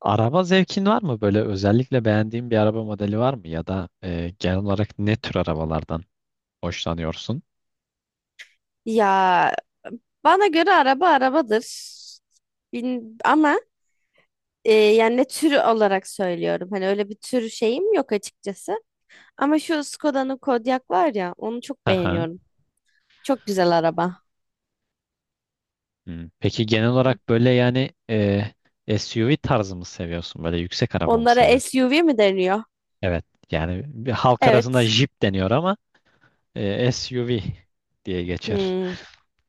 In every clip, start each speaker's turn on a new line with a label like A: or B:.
A: Araba zevkin var mı? Böyle özellikle beğendiğin bir araba modeli var mı? Ya da genel olarak ne tür arabalardan hoşlanıyorsun?
B: Ya bana göre araba arabadır. Bin, ama yani ne türü olarak söylüyorum. Hani öyle bir tür şeyim yok açıkçası. Ama şu Skoda'nın Kodiaq var ya onu çok
A: Aha.
B: beğeniyorum. Çok güzel araba.
A: Hmm. Peki genel olarak böyle yani SUV tarzı mı seviyorsun? Böyle yüksek araba mı
B: Onlara
A: seviyorsun?
B: SUV mi deniyor?
A: Evet. Yani bir halk arasında
B: Evet.
A: Jeep deniyor ama SUV diye geçer.
B: Hmm.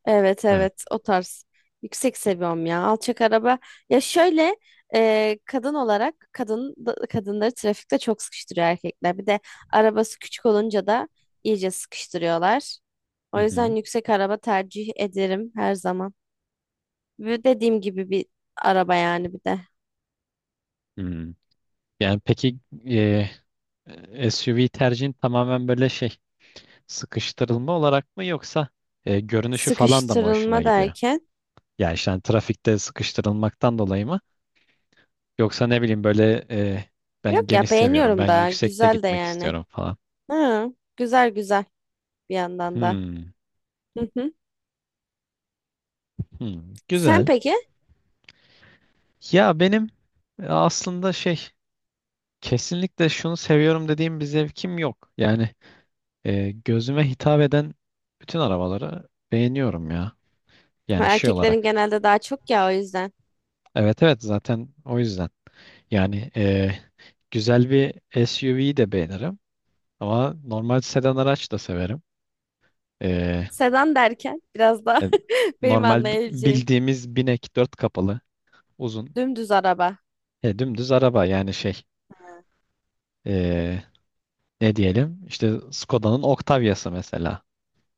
B: Evet
A: Evet.
B: evet o tarz. Yüksek seviyorum ya. Alçak araba. Ya şöyle kadın olarak kadınları trafikte çok sıkıştırıyor erkekler. Bir de arabası küçük olunca da iyice sıkıştırıyorlar. O
A: Hı hı.
B: yüzden yüksek araba tercih ederim her zaman. Ve dediğim gibi bir araba yani bir de.
A: Hmm. Yani peki e, SUV tercihin tamamen böyle şey sıkıştırılma olarak mı yoksa görünüşü falan da mı hoşuna
B: Sıkıştırılma
A: gidiyor?
B: derken.
A: Yani işte hani trafikte sıkıştırılmaktan dolayı mı? Yoksa ne bileyim böyle ben
B: Yok
A: geniş
B: ya
A: seviyorum. Ben
B: beğeniyorum da
A: yüksekte
B: güzel de
A: gitmek
B: yani.
A: istiyorum falan.
B: Hı, güzel güzel bir yandan da.
A: Hmm,
B: Hı hı.
A: hmm,
B: Sen
A: güzel.
B: peki?
A: Ya benim aslında şey kesinlikle şunu seviyorum dediğim bir zevkim yok. Yani gözüme hitap eden bütün arabaları beğeniyorum ya. Yani şey
B: Erkeklerin
A: olarak.
B: genelde daha çok ya o yüzden.
A: Evet, evet, zaten o yüzden. Yani güzel bir SUV'yi de beğenirim. Ama normal sedan araç da severim. E,
B: Sedan derken biraz daha
A: e,
B: benim
A: normal
B: anlayabileceğim.
A: bildiğimiz binek dört kapalı uzun
B: Dümdüz araba.
A: dümdüz araba yani şey e, ne diyelim işte Skoda'nın Octavia'sı mesela.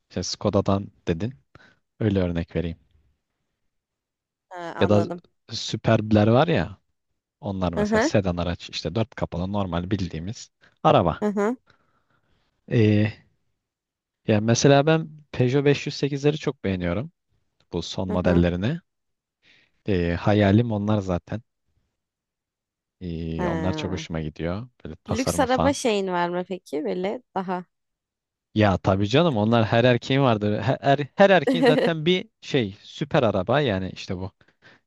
A: İşte Skoda'dan dedin öyle örnek vereyim.
B: Ha,
A: Ya da
B: anladım.
A: Superb'ler var ya onlar
B: Hı
A: mesela
B: hı.
A: sedan araç işte dört kapalı normal bildiğimiz araba.
B: Hı hı.
A: Ya mesela ben Peugeot 508'leri çok beğeniyorum. Bu son
B: Hı hı.
A: modellerini. Hayalim onlar zaten. Onlar çok
B: Ha.
A: hoşuma gidiyor. Böyle
B: Lüks
A: tasarımı
B: araba
A: falan.
B: şeyin var mı peki? Böyle daha.
A: Ya tabii canım onlar her erkeğin vardır. Her erkeğin zaten bir şey süper araba yani işte bu.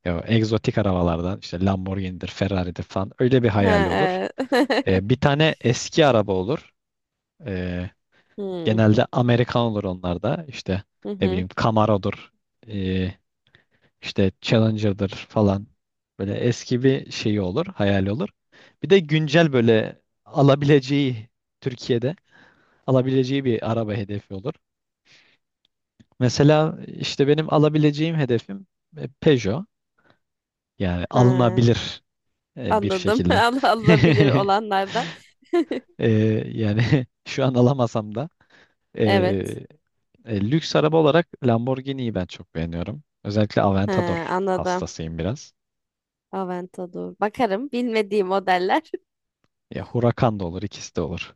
A: Ya, egzotik arabalardan işte Lamborghini'dir, Ferrari'dir falan öyle bir
B: Ha,
A: hayali olur.
B: evet.
A: Ee, bir tane eski araba olur. Ee,
B: Hmm,
A: genelde Amerikan olur onlar da. İşte
B: hı
A: ne
B: hı.
A: bileyim Camaro'dur. İşte Challenger'dır falan. Böyle eski bir şeyi olur, hayali olur. Bir de güncel böyle alabileceği Türkiye'de alabileceği bir araba hedefi olur. Mesela işte benim alabileceğim hedefim Peugeot. Yani
B: Ha,
A: alınabilir bir
B: anladım.
A: şekilde.
B: Alabilir olanlarda.
A: E, yani şu an alamasam da
B: Evet.
A: e, lüks araba olarak Lamborghini'yi ben çok beğeniyorum. Özellikle
B: Ha,
A: Aventador
B: anladım.
A: hastasıyım biraz.
B: Aventador. Bakarım. Bilmediğim modeller.
A: Ya Huracan da olur, ikisi de olur.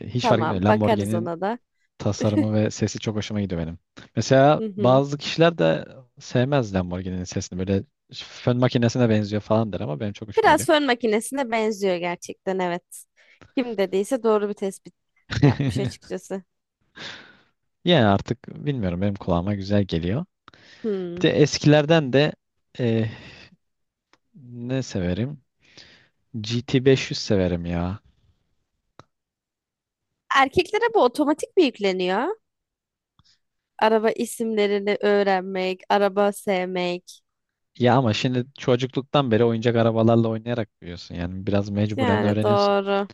A: Hiç fark etmiyor.
B: Tamam. Bakarız
A: Lamborghini'nin
B: ona da.
A: tasarımı ve sesi çok hoşuma gidiyor benim. Mesela
B: Hı hı.
A: bazı kişiler de sevmez Lamborghini'nin sesini. Böyle fön makinesine benziyor falan der ama benim çok hoşuma
B: Biraz
A: gidiyor.
B: fön makinesine benziyor gerçekten, evet. Kim dediyse doğru bir tespit yapmış açıkçası.
A: Yani artık bilmiyorum benim kulağıma güzel geliyor. Bir
B: Hmm.
A: de eskilerden de e, ne severim? GT500 severim ya.
B: Erkeklere bu otomatik mi yükleniyor? Araba isimlerini öğrenmek, araba sevmek.
A: Ya ama şimdi çocukluktan beri oyuncak arabalarla oynayarak büyüyorsun. Yani biraz mecburen
B: Yani
A: öğreniyorsun.
B: doğru,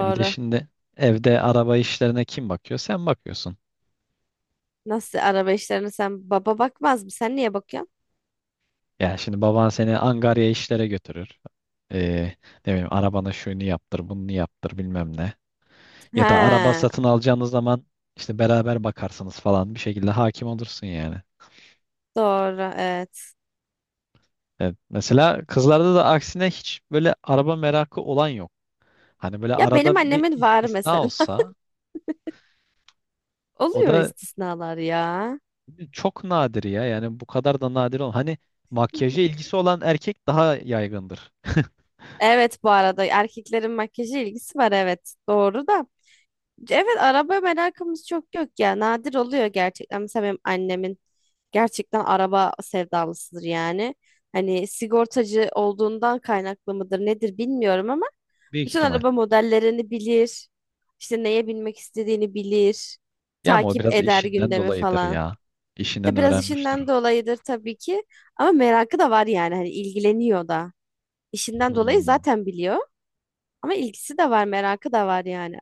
A: Bir de şimdi evde araba işlerine kim bakıyor? Sen bakıyorsun.
B: Nasıl araba işlerine sen, baba bakmaz mı? Sen niye bakıyorsun?
A: Yani şimdi baban seni angarya işlere götürür. Ee, ne bileyim arabana şunu yaptır, bunu yaptır bilmem ne. Ya da araba
B: Ha,
A: satın alacağınız zaman işte beraber bakarsınız falan bir şekilde hakim olursun yani.
B: doğru, evet.
A: Evet, mesela kızlarda da aksine hiç böyle araba merakı olan yok. Hani böyle
B: Ya benim
A: arada bir
B: annemin var
A: istisna
B: mesela.
A: olsa o
B: Oluyor
A: da
B: istisnalar ya.
A: çok nadir ya. Yani bu kadar da nadir olan. Hani makyaja ilgisi olan erkek daha yaygındır.
B: Evet, bu arada erkeklerin makyaja ilgisi var, evet. Doğru da. Evet, araba merakımız çok yok ya. Nadir oluyor gerçekten. Mesela benim annemin gerçekten araba sevdalısıdır yani. Hani sigortacı olduğundan kaynaklı mıdır nedir bilmiyorum ama
A: Büyük
B: bütün
A: ihtimal.
B: araba modellerini bilir. İşte neye binmek istediğini bilir.
A: Ya ama o
B: Takip
A: biraz
B: eder
A: işinden
B: gündemi
A: dolayıdır
B: falan.
A: ya. İşinden
B: Ya biraz
A: öğrenmiştir o.
B: işinden dolayıdır tabii ki, ama merakı da var yani hani ilgileniyor da. İşinden dolayı
A: Hmm.
B: zaten biliyor. Ama ilgisi de var, merakı da var yani.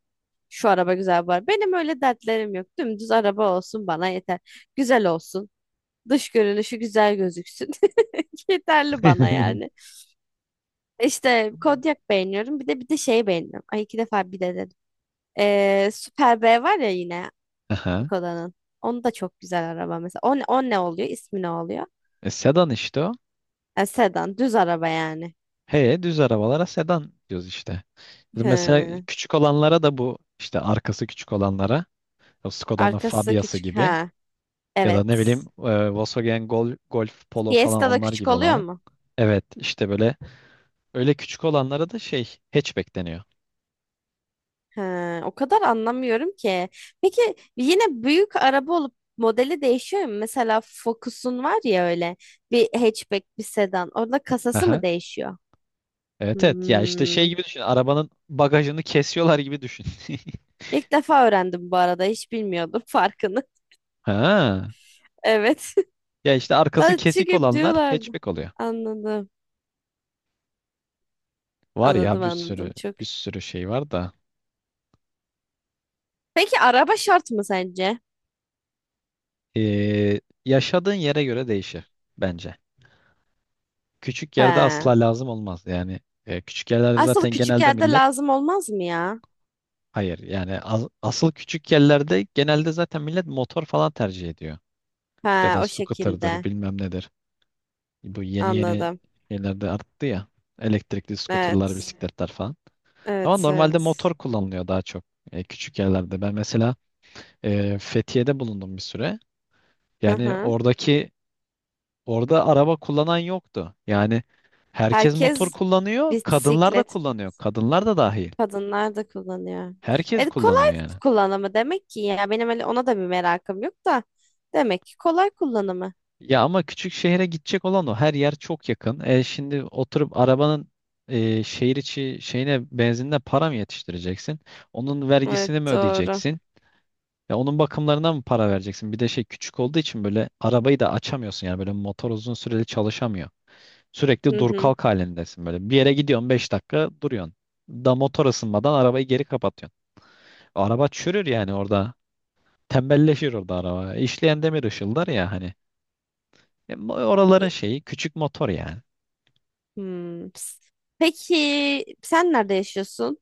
B: Şu araba güzel var. Benim öyle dertlerim yok. Dümdüz araba olsun bana yeter. Güzel olsun. Dış görünüşü güzel gözüksün. Yeterli bana yani. İşte Kodiak beğeniyorum. Bir de şeyi beğeniyorum. Ay, iki defa bir de dedim. Super B var ya yine
A: Aha.
B: Koda'nın. Onu da çok güzel araba mesela. O, o ne oluyor? İsmi ne oluyor?
A: Sedan işte o.
B: E, sedan. Düz araba yani.
A: He, düz arabalara sedan diyoruz işte. Mesela
B: Hı.
A: küçük olanlara da bu işte arkası küçük olanlara o Skoda'nın
B: Arkası
A: Fabia'sı
B: küçük.
A: gibi
B: Ha.
A: ya da
B: Evet.
A: ne bileyim Volkswagen Golf Polo falan
B: Fiesta da
A: onlar
B: küçük
A: gibi
B: oluyor
A: olanı.
B: mu?
A: Evet işte böyle öyle küçük olanlara da şey hatchback deniyor.
B: Ha, o kadar anlamıyorum ki. Peki yine büyük araba olup modeli değişiyor mu? Mesela Focus'un var ya, öyle bir hatchback bir sedan. Orada kasası mı
A: Aha.
B: değişiyor?
A: Evet, evet, ya işte
B: Hmm.
A: şey gibi düşün arabanın bagajını kesiyorlar gibi düşün.
B: İlk defa öğrendim bu arada. Hiç bilmiyordum farkını.
A: Ha.
B: Evet.
A: Ya işte arkası
B: Lan
A: kesik
B: çünkü
A: olanlar
B: diyorlardı.
A: hatchback oluyor.
B: Anladım.
A: Var ya
B: Anladım,
A: bir
B: anladım
A: sürü
B: çok.
A: bir sürü şey var da.
B: Peki araba şart mı sence?
A: Yaşadığın yere göre değişir bence. Küçük yerde
B: He.
A: asla lazım olmaz yani küçük yerlerde
B: Aslında
A: zaten
B: küçük
A: genelde
B: yerde
A: millet
B: lazım olmaz mı ya?
A: hayır yani asıl küçük yerlerde genelde zaten millet motor falan tercih ediyor ya
B: He,
A: da
B: o
A: scooter'dır
B: şekilde.
A: bilmem nedir. Bu yeni yeni
B: Anladım.
A: şeylerde arttı ya elektrikli scooter'lar
B: Evet.
A: bisikletler falan ama
B: Evet,
A: normalde
B: evet.
A: motor kullanılıyor daha çok küçük yerlerde. Ben mesela Fethiye'de bulundum bir süre.
B: Hı
A: Yani
B: hı.
A: Orada araba kullanan yoktu. Yani herkes motor
B: Herkes
A: kullanıyor, kadınlar da
B: bisiklet,
A: kullanıyor. Kadınlar da dahil.
B: kadınlar da kullanıyor.
A: Herkes kullanıyor
B: Kolay
A: yani.
B: kullanımı demek ki, ya benim öyle ona da bir merakım yok da demek ki kolay kullanımı.
A: Ya ama küçük şehre gidecek olan o. Her yer çok yakın. Şimdi oturup arabanın şehir içi şeyine benzinine para mı yetiştireceksin? Onun
B: Evet,
A: vergisini mi
B: doğru.
A: ödeyeceksin? Ya onun bakımlarına mı para vereceksin? Bir de şey küçük olduğu için böyle arabayı da açamıyorsun yani böyle motor uzun süreli çalışamıyor. Sürekli
B: Hı
A: dur
B: hı.
A: kalk halindesin böyle. Bir yere gidiyorsun 5 dakika duruyorsun. Da motor ısınmadan arabayı geri kapatıyorsun. Araba çürür yani orada. Tembelleşir orada araba. İşleyen demir ışıldar ya hani. Oraların şeyi küçük motor yani.
B: Hmm. Peki sen nerede yaşıyorsun?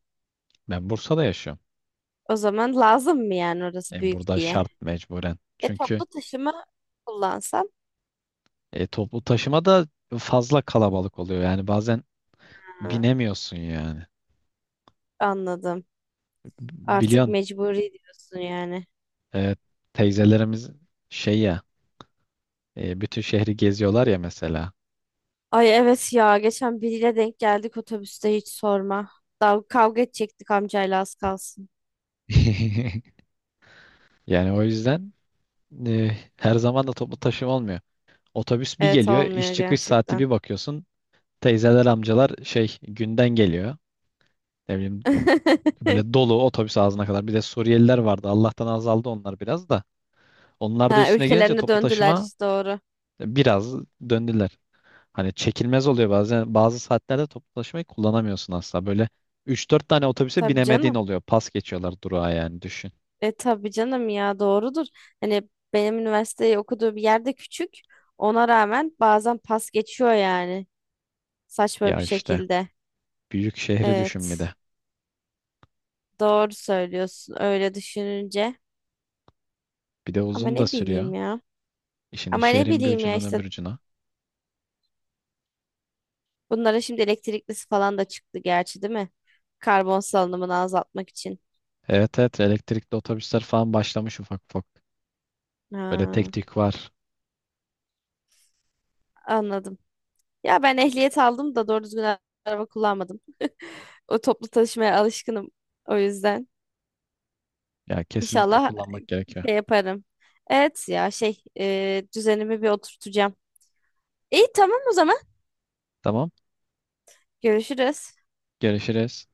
A: Ben Bursa'da yaşıyorum.
B: O zaman lazım mı yani orası
A: E,
B: büyük
A: burada
B: diye?
A: şart mecburen.
B: E,
A: Çünkü
B: toplu taşıma kullansam.
A: toplu taşıma da fazla kalabalık oluyor. Yani bazen
B: Ha,
A: binemiyorsun yani.
B: anladım. Artık
A: Biliyorsun
B: mecburi diyorsun yani.
A: e, teyzelerimiz şey ya bütün şehri geziyorlar ya mesela.
B: Ay evet ya, geçen biriyle denk geldik otobüste, hiç sorma. Daha kavga edecektik amcayla az kalsın.
A: Yani o yüzden her zaman da toplu taşıma olmuyor. Otobüs bir
B: Evet,
A: geliyor,
B: olmuyor
A: iş çıkış saati
B: gerçekten.
A: bir bakıyorsun. Teyzeler, amcalar şey günden geliyor. Ne bileyim böyle dolu otobüs ağzına kadar. Bir de Suriyeliler vardı. Allah'tan azaldı onlar biraz da. Onlar da
B: Ha,
A: üstüne gelince
B: ülkelerine
A: toplu
B: döndüler
A: taşıma
B: işte, doğru.
A: biraz döndüler. Hani çekilmez oluyor bazen. Bazı saatlerde toplu taşımayı kullanamıyorsun asla. Böyle üç dört tane otobüse
B: Tabii
A: binemediğin
B: canım.
A: oluyor. Pas geçiyorlar durağa yani düşün.
B: E tabii canım ya, doğrudur. Hani benim üniversiteyi okuduğu bir yerde küçük. Ona rağmen bazen pas geçiyor yani. Saçma bir
A: Ya işte
B: şekilde.
A: büyük şehri düşün bir
B: Evet.
A: de.
B: Doğru söylüyorsun öyle düşününce.
A: Bir de
B: Ama
A: uzun da
B: ne
A: sürüyor.
B: bileyim ya.
A: Şimdi
B: Ama ne
A: şehrin bir
B: bileyim ya
A: ucundan
B: işte,
A: öbür ucuna.
B: bunlara şimdi elektriklisi falan da çıktı gerçi değil mi? Karbon salınımını azaltmak için.
A: Evet, evet, elektrikli otobüsler falan başlamış ufak ufak. Böyle
B: Ha,
A: tek tek var.
B: anladım. Ya ben ehliyet aldım da doğru düzgün araba kullanmadım. O toplu taşımaya alışkınım o yüzden.
A: Ya kesinlikle
B: İnşallah
A: kullanmak gerekiyor.
B: şey yaparım. Evet ya, düzenimi bir oturtacağım. İyi, tamam o zaman.
A: Tamam.
B: Görüşürüz.
A: Görüşürüz.